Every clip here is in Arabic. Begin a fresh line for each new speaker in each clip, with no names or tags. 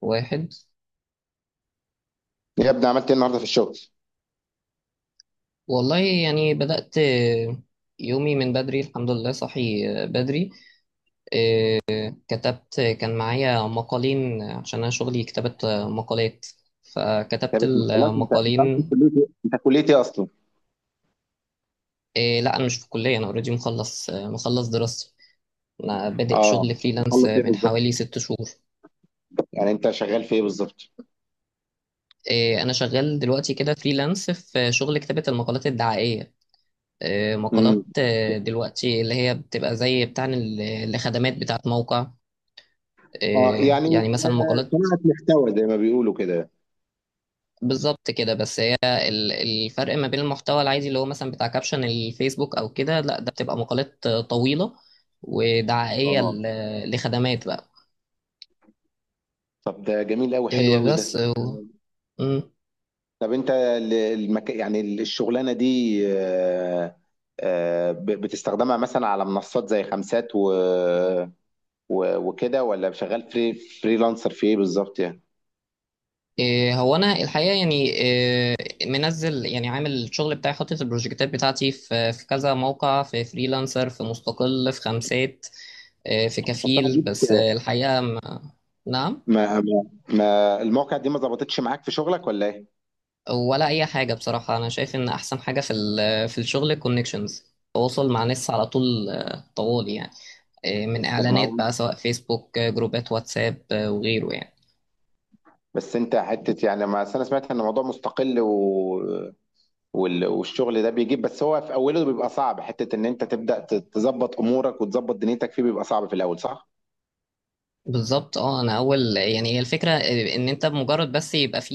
واحد.
يا ابني عملت ايه النهارده في الشغل؟
والله يعني بدأت يومي من بدري، الحمد لله صحي بدري. كتبت، كان معايا مقالين عشان أنا شغلي كتابة مقالات، فكتبت
كتابة مقالات، انت عايز تدخل
المقالين.
كلية ايه؟ انت كلية ايه اصلا؟
إيه، لا أنا مش في الكلية، أنا أوريدي مخلص دراستي. أنا بادئ
اه،
شغل فريلانس
مخلص ايه
من
بالظبط؟
حوالي ست شهور.
يعني انت شغال في ايه بالظبط؟
إيه، أنا شغال دلوقتي كده فريلانس في شغل كتابة المقالات الدعائية. إيه،
امم.
مقالات، إيه، دلوقتي اللي هي بتبقى زي بتاع الخدمات بتاعت موقع.
اه
إيه،
يعني
يعني مثلا مقالات.
صناعة محتوى زي ما بيقولوا كده.
بالظبط كده، بس هي الفرق ما بين المحتوى العادي اللي هو مثلا بتاع كابشن الفيسبوك او كده، لا ده بتبقى مقالات طويلة ودعائية
اه
لخدمات بقى.
طب ده جميل قوي، حلو
إيه،
قوي
بس
ده.
مم.
طب انت يعني الشغلانة دي، بتستخدمها مثلا على منصات زي خمسات وكده، ولا شغال فريلانسر في ايه بالظبط يعني؟
إيه، هو انا الحقيقة، يعني إيه، منزل، يعني عامل الشغل بتاعي، حاطط البروجكتات بتاعتي في كذا موقع، في فريلانسر، في مستقل، في خمسات. إيه، في كفيل، بس الحقيقة نعم.
ما المواقع دي ما ظبطتش معاك في شغلك ولا ايه؟
ولا اي حاجه، بصراحه انا شايف ان احسن حاجه في في الشغل الكونكشنز، تواصل مع ناس على طول، طوال يعني، من
طب ما
اعلانات
هو،
بقى سواء فيسبوك، جروبات واتساب، وغيره يعني.
بس انت حته يعني، ما أصل انا سمعت ان الموضوع مستقل والشغل ده بيجيب، بس هو في اوله بيبقى صعب، حته ان انت تبدا تظبط امورك وتظبط دنيتك فيه، بيبقى صعب في الاول صح؟
بالظبط، اه انا اول يعني هي الفكره، ان انت بمجرد بس يبقى في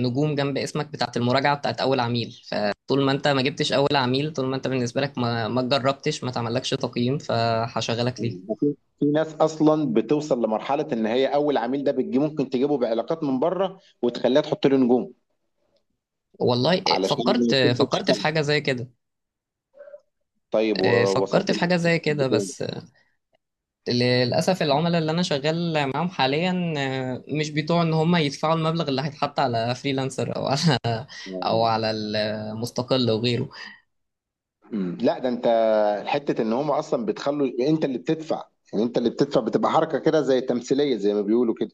نجوم جنب اسمك بتاعت المراجعه بتاعت اول عميل، فطول ما انت ما جبتش اول عميل، طول ما انت بالنسبه لك ما جربتش، ما تعملكش تقييم فهشغلك ليه.
في ناس اصلا بتوصل لمرحله ان هي اول عميل ده، بتجي ممكن تجيبه بعلاقات من بره وتخليها تحط له نجوم،
والله
علشان
فكرت،
تبدا
فكرت في
تشتغل.
حاجه زي كده.
طيب ووصلت
فكرت في حاجه زي كده، بس للأسف العملاء اللي أنا شغال معاهم حاليا، مش بيطوع إن هم يدفعوا المبلغ اللي هيتحط على فريلانسر، أو على أو على المستقل وغيره.
مم. لا ده انت، حته ان هم اصلا بتخلوا انت اللي بتدفع. يعني انت اللي بتدفع، بتبقى حركه كده زي تمثيليه زي ما بيقولوا كده.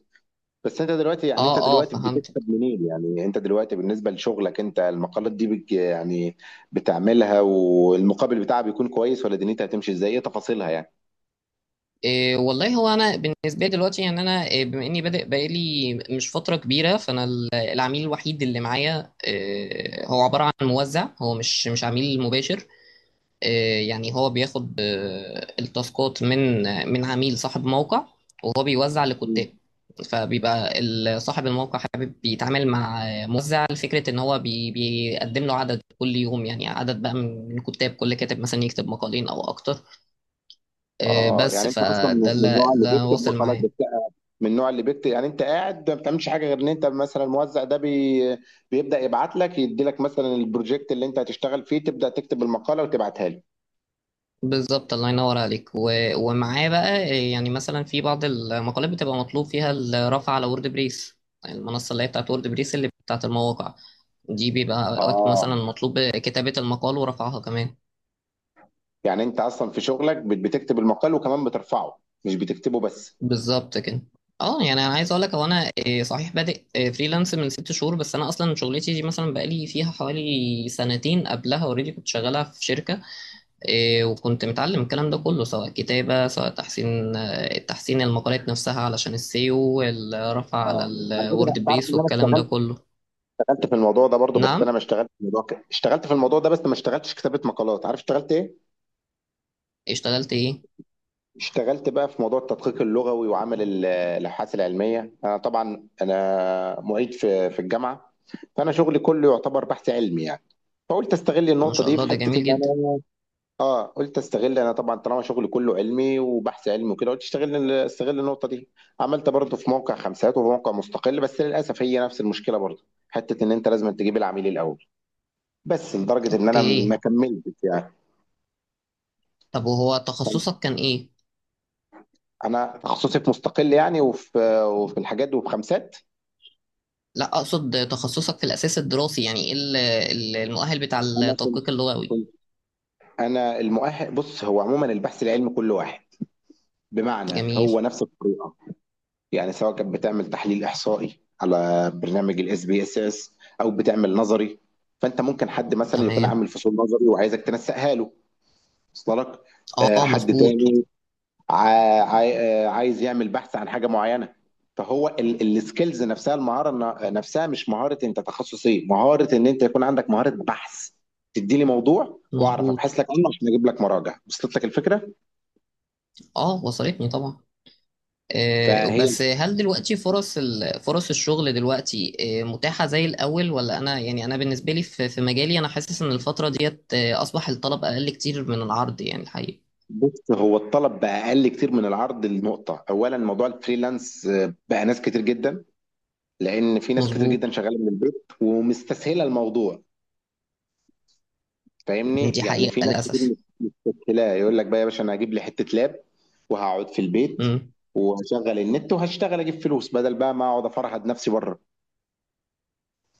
بس انت دلوقتي، يعني
أه
انت
أه
دلوقتي
فهمت.
بتكسب منين؟ يعني انت دلوقتي بالنسبه لشغلك انت، المقالات دي يعني بتعملها، والمقابل بتاعها بيكون كويس ولا دنيتها هتمشي ازاي؟ ايه تفاصيلها يعني؟
إيه والله، هو أنا بالنسبة لي دلوقتي يعني، أنا بما إني بادئ بقالي مش فترة كبيرة، فأنا العميل الوحيد اللي معايا، هو عبارة عن موزع، هو مش عميل مباشر. يعني هو بياخد، التاسكات من، من عميل صاحب موقع، وهو بيوزع
مم.
لكتاب. فبيبقى صاحب الموقع حابب بيتعامل مع، موزع لفكرة ان هو بي بيقدم له عدد كل يوم، يعني عدد بقى من كتاب، كل كاتب مثلا يكتب مقالين او اكتر.
اه
بس
يعني انت اصلا من
فده
من
اللي
النوع اللي
ده
بيكتب
واصل
مقالات
معاه.
بس. من النوع اللي بيكتب، يعني انت قاعد ما بتعملش حاجه غير ان انت مثلا الموزع ده بيبدا يبعت لك، يدي لك مثلا البروجكت اللي انت هتشتغل فيه، تبدا تكتب المقاله وتبعتها له.
بالظبط الله ينور عليك، و... ومعاه بقى. يعني مثلا في بعض المقالات بتبقى مطلوب فيها الرفع على وورد بريس، المنصة اللي هي بتاعت وورد بريس اللي بتاعت المواقع دي، بيبقى وقت
اه،
مثلا مطلوب كتابة المقال ورفعها كمان.
يعني انت اصلا في شغلك بتكتب المقال وكمان بترفعه، مش بتكتبه بس.
بالظبط كده. اه يعني انا عايز اقول لك، هو انا إيه، صحيح بادئ إيه، فريلانس من ست شهور، بس انا اصلا شغلتي دي مثلا بقالي فيها حوالي سنتين قبلها، اوريدي كنت شغالة في شركة. إيه، وكنت متعلم الكلام ده كله، سواء كتابة، سواء تحسين، تحسين المقالات نفسها علشان السيو، والرفع على
اه على فكره،
الوورد
انت عارف
بريس،
ان انا
والكلام ده
اشتغلت
كله.
اشتغلت في الموضوع ده برضو، بس انا
نعم،
ما اشتغلت في الموضوع اشتغلت في الموضوع ده، بس ما اشتغلتش كتابه مقالات. عارف اشتغلت ايه؟
اشتغلت ايه.
اشتغلت بقى في موضوع التدقيق اللغوي وعمل ال- الابحاث العلميه، انا طبعا انا معيد في الجامعه، فانا شغلي كله يعتبر بحث علمي يعني. فقلت استغل
ما
النقطه
شاء
دي
الله،
في
ده
حته
جميل
ان
جدا.
انا، قلت استغل، انا طبعا طالما شغلي كله علمي وبحث علمي وكده، قلت استغل النقطه دي. عملت برضه في موقع خمسات وفي موقع مستقل، بس للاسف هي نفس المشكله برضه، حته ان انت لازم تجيب العميل الاول، بس لدرجه ان انا
اوكي،
ما كملتش يعني.
طب وهو تخصصك كان ايه.
انا تخصصي في مستقل يعني، وفي الحاجات دي وفي خمسات.
لا اقصد تخصصك في الاساس الدراسي، يعني ايه المؤهل بتاع التدقيق اللغوي.
كنت انا المؤهل، بص هو عموما البحث العلمي كله واحد، بمعنى
جميل.
هو نفس الطريقه. يعني سواء كانت بتعمل تحليل احصائي على برنامج SPSS، او بتعمل نظري، فانت ممكن حد مثلا يكون
تمام.
عامل فصول نظري وعايزك تنسقها له، وصل لك؟
اه
حد
مظبوط
تاني عا- عاي- عايز يعمل بحث عن حاجه معينه. فهو السكيلز نفسها، المهاره نفسها، مش مهاره انت تخصص ايه، مهاره ان انت يكون عندك مهاره بحث. تديني موضوع واعرف
مظبوط.
ابحث لك عنه عشان اجيب لك مراجع، وصلت لك الفكره؟
اه وصلتني طبعا.
فهي
بس هل دلوقتي فرص فرص الشغل دلوقتي، متاحة زي الأول؟ ولا أنا يعني أنا بالنسبة لي في مجالي أنا حاسس إن الفترة ديت، أصبح الطلب أقل كتير من العرض يعني الحقيقة.
بص، هو الطلب بقى اقل كتير من العرض لنقطه، اولا موضوع الفريلانس بقى ناس كتير جدا، لان في ناس كتير
مظبوط.
جدا شغاله من البيت ومستسهله الموضوع.
دي
فاهمني؟ يعني
حقيقة
في ناس كتير
للأسف.
مستسهله، يقول لك بقى يا باشا انا هجيب لي حته لاب، وهقعد في البيت
مم.
وهشغل النت وهشتغل اجيب فلوس بدل بقى ما اقعد افرهد نفسي بره.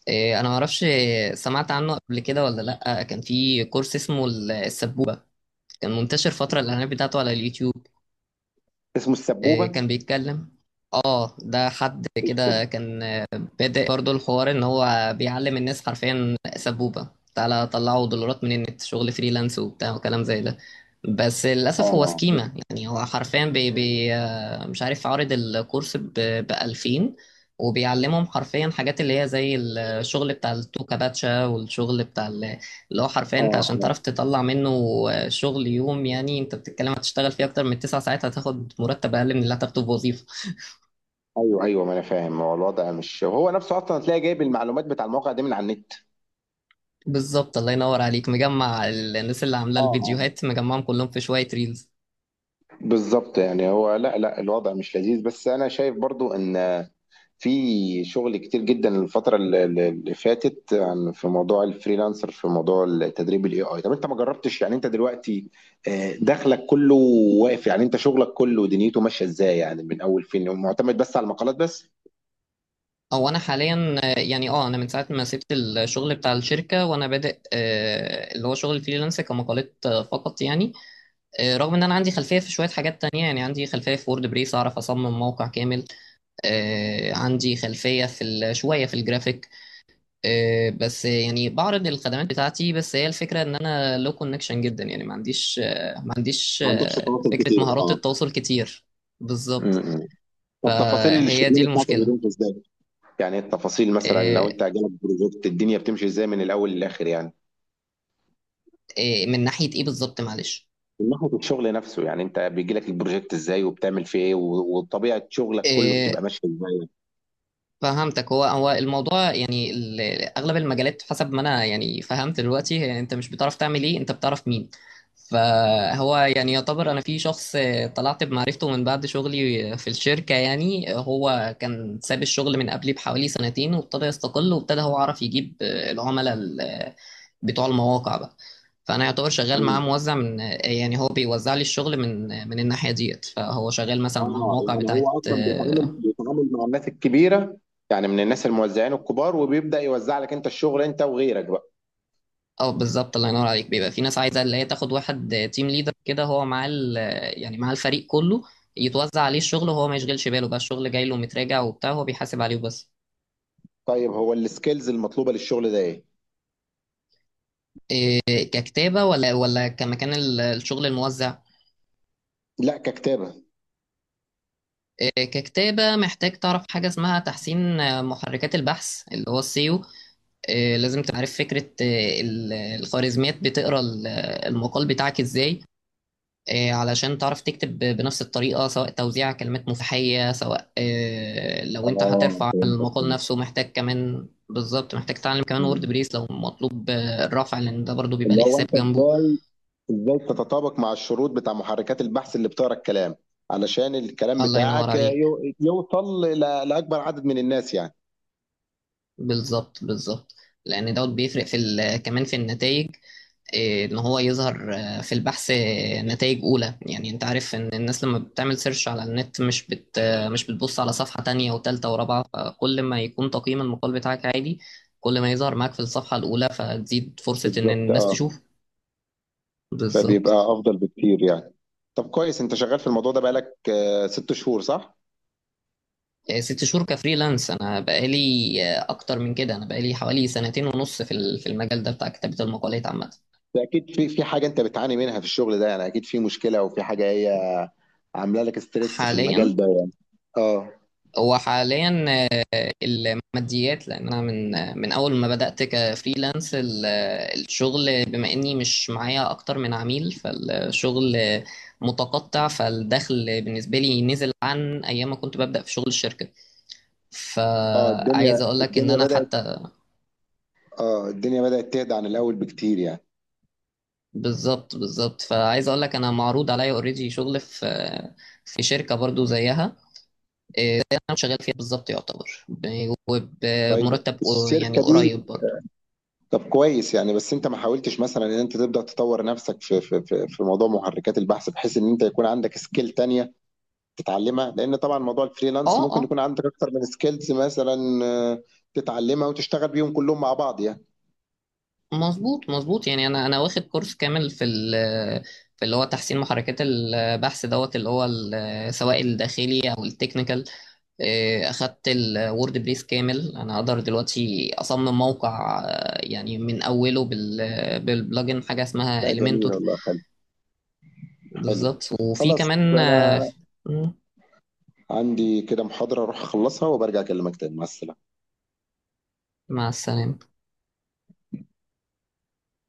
أنا معرفش، سمعت عنه قبل كده ولا لأ، كان في كورس اسمه السبوبة، كان منتشر فترة الإعلانات بتاعته على اليوتيوب.
اسمه السبوبه؟
كان بيتكلم. اه ده حد كده كان بدأ برضو الحوار ان هو بيعلم الناس حرفيا سبوبة، تعالى طلعوا دولارات من النت، شغل فريلانس وبتاع وكلام زي ده. بس للأسف هو
اه
سكيمة، يعني هو حرفيا بي بي آه، مش عارف عارض الكورس ب 2000، وبيعلمهم حرفيا حاجات اللي هي زي الشغل بتاع التوكا باتشا، والشغل بتاع اللي هو حرفيا
اه
انت عشان تعرف
آه.
تطلع منه شغل يوم، يعني انت بتتكلم هتشتغل فيه اكتر من تسع ساعات، هتاخد مرتب اقل من اللي هتاخده في وظيفة.
ايوه ايوه، ما انا فاهم، هو الوضع مش هو نفسه اصلا، هتلاقي جايب المعلومات بتاع المواقع دي من على النت.
بالظبط الله ينور عليك، مجمع الناس اللي عامله
اه آه.
الفيديوهات مجمعهم كلهم في شويه ريلز.
بالظبط، يعني هو، لا لا الوضع مش لذيذ، بس انا شايف برضو ان في شغل كتير جدا الفترة اللي فاتت، عن في موضوع الفريلانسر، في موضوع التدريب AI. طب انت ما جربتش؟ يعني انت دلوقتي دخلك كله واقف؟ يعني انت شغلك كله دنيته ماشية ازاي يعني؟ من اول فين؟ معتمد بس على المقالات بس؟
او انا حاليا، يعني اه انا من ساعه ما سبت الشغل بتاع الشركه، وانا بادئ، اللي هو شغل الفريلانس كمقالات، فقط يعني. رغم ان انا عندي خلفيه في شويه حاجات تانية، يعني عندي خلفيه في وورد بريس، اعرف اصمم موقع كامل. عندي خلفيه في شويه في الجرافيك. بس يعني بعرض الخدمات بتاعتي بس، هي الفكرة ان انا لو كونكشن جدا، يعني ما عنديش
ما عندكش تواصل
فكرة
كتير،
مهارات
اه.
التواصل كتير. بالظبط.
م-م. طب تفاصيل
فهي دي
الشغلانة بتاعتك
المشكلة.
بتمشي ازاي؟ يعني التفاصيل، مثلا
آه،
لو انت جالك بروجكت، الدنيا بتمشي ازاي من الاول للاخر يعني؟
من ناحية ايه بالظبط، معلش.
من ناحية الشغل نفسه، يعني انت بيجي لك البروجكت ازاي، وبتعمل فيه ايه، وطبيعة شغلك كله
آه،
بتبقى ماشية ازاي؟
فهمتك. هو الموضوع يعني اغلب المجالات حسب ما انا يعني فهمت دلوقتي، هي انت مش بتعرف تعمل ايه، انت بتعرف مين. فهو يعني يعتبر انا في شخص طلعت بمعرفته من بعد شغلي في الشركة، يعني هو كان ساب الشغل من قبلي بحوالي سنتين، وابتدى يستقل، وابتدى هو عرف يجيب العملاء بتوع المواقع بقى. فانا يعتبر شغال معاه
مم.
موزع، من يعني هو بيوزع لي الشغل من الناحية ديت، فهو شغال مثلا مع
اه،
مواقع
يعني
بتاعت.
هو اصلا بيتعامل مع الناس الكبيره، يعني من الناس الموزعين الكبار، وبيبدا يوزع لك انت الشغل، انت وغيرك بقى.
اه بالظبط الله ينور عليك، بيبقى في ناس عايزه اللي هي تاخد واحد تيم ليدر كده، هو مع يعني مع الفريق كله يتوزع عليه الشغل، وهو ما يشغلش باله بقى الشغل جاي له متراجع وبتاع، هو بيحاسب عليه بس.
طيب، هو السكيلز المطلوبه للشغل ده ايه؟
ككتابه ولا كمكان الشغل الموزع؟
لا، ككتابه.
ككتابه محتاج تعرف حاجه اسمها تحسين، محركات البحث اللي هو السيو. لازم تعرف فكره، الخوارزميات بتقرا المقال بتاعك ازاي. علشان تعرف تكتب بنفس الطريقة، سواء توزيع كلمات مفتاحية، سواء لو انت
اه
هترفع
فهمتك،
المقال
فهمت.
نفسه، محتاج كمان بالظبط، محتاج تتعلم كمان وورد
مم.
بريس لو مطلوب، الرفع، لان ده برضو بيبقى
اللي
ليه
هو
حساب
انت
جنبه.
ازاي، ازاي تتطابق مع الشروط بتاع محركات البحث اللي بتقرا الكلام، علشان الكلام
الله ينور
بتاعك
عليك.
يوصل لاكبر عدد من الناس يعني.
بالظبط بالظبط. لان دوت بيفرق في كمان في النتائج. إيه، ان هو يظهر، في البحث، نتائج اولى، يعني انت عارف ان الناس لما بتعمل سيرش على النت مش بت آه، مش بتبص على صفحة تانية وتالتة ورابعة، فكل ما يكون تقييم المقال بتاعك عادي، كل ما يظهر معاك في الصفحة الاولى، فتزيد فرصة ان
بالظبط،
الناس
اه،
تشوف.
فبيبقى
بالظبط.
افضل بكتير يعني. طب كويس، انت شغال في الموضوع ده بقالك 6 شهور صح؟
ست شهور كفريلانس انا بقالي، اكتر من كده انا بقالي حوالي سنتين ونص في في المجال ده بتاع كتابة المقالات عامة.
ده اكيد في حاجه انت بتعاني منها في الشغل ده يعني، اكيد في مشكله او في حاجه هي عامله لك ستريس في
حاليا،
المجال ده يعني. اه
هو حاليا الماديات، لان انا من من اول ما بدات كفريلانس الشغل، بما اني مش معايا اكتر من عميل، فالشغل متقطع، فالدخل بالنسبه لي نزل عن ايام ما كنت ببدا في شغل الشركه.
اه،
فعايز
الدنيا
اقول لك ان
الدنيا
انا
بدات،
حتى،
اه الدنيا بدات تهدى عن الاول بكتير يعني.
بالظبط بالظبط، فعايز اقول لك انا معروض عليا اوريدي شغل في في شركه برضو زيها انا شغال فيها بالظبط، يعتبر
طيب
وبمرتب يعني
الشركه دي.
قريب برضو.
طب كويس يعني، بس انت ما حاولتش مثلا ان انت تبدا تطور نفسك في موضوع محركات البحث، بحيث ان انت يكون عندك سكيل تانية تتعلمها، لان طبعا موضوع الفريلانس
اه
ممكن
اه
يكون عندك اكتر من سكيلز مثلا، تتعلمها وتشتغل بيهم كلهم مع بعض يعني.
مظبوط مظبوط. يعني انا واخد كورس كامل في ال في اللي هو تحسين محركات البحث، دوت اللي هو سواء الداخلي او التكنيكال. اخدت الوورد بريس كامل، انا اقدر دلوقتي اصمم موقع، يعني من اوله بالبلجن حاجه اسمها
لا جميل
اليمنتور.
والله. حلو.
بالظبط، وفي
خلاص
كمان،
انا عندي كده محاضرة اروح اخلصها وبرجع اكلمك تاني، مع السلامة.
مع السلامه.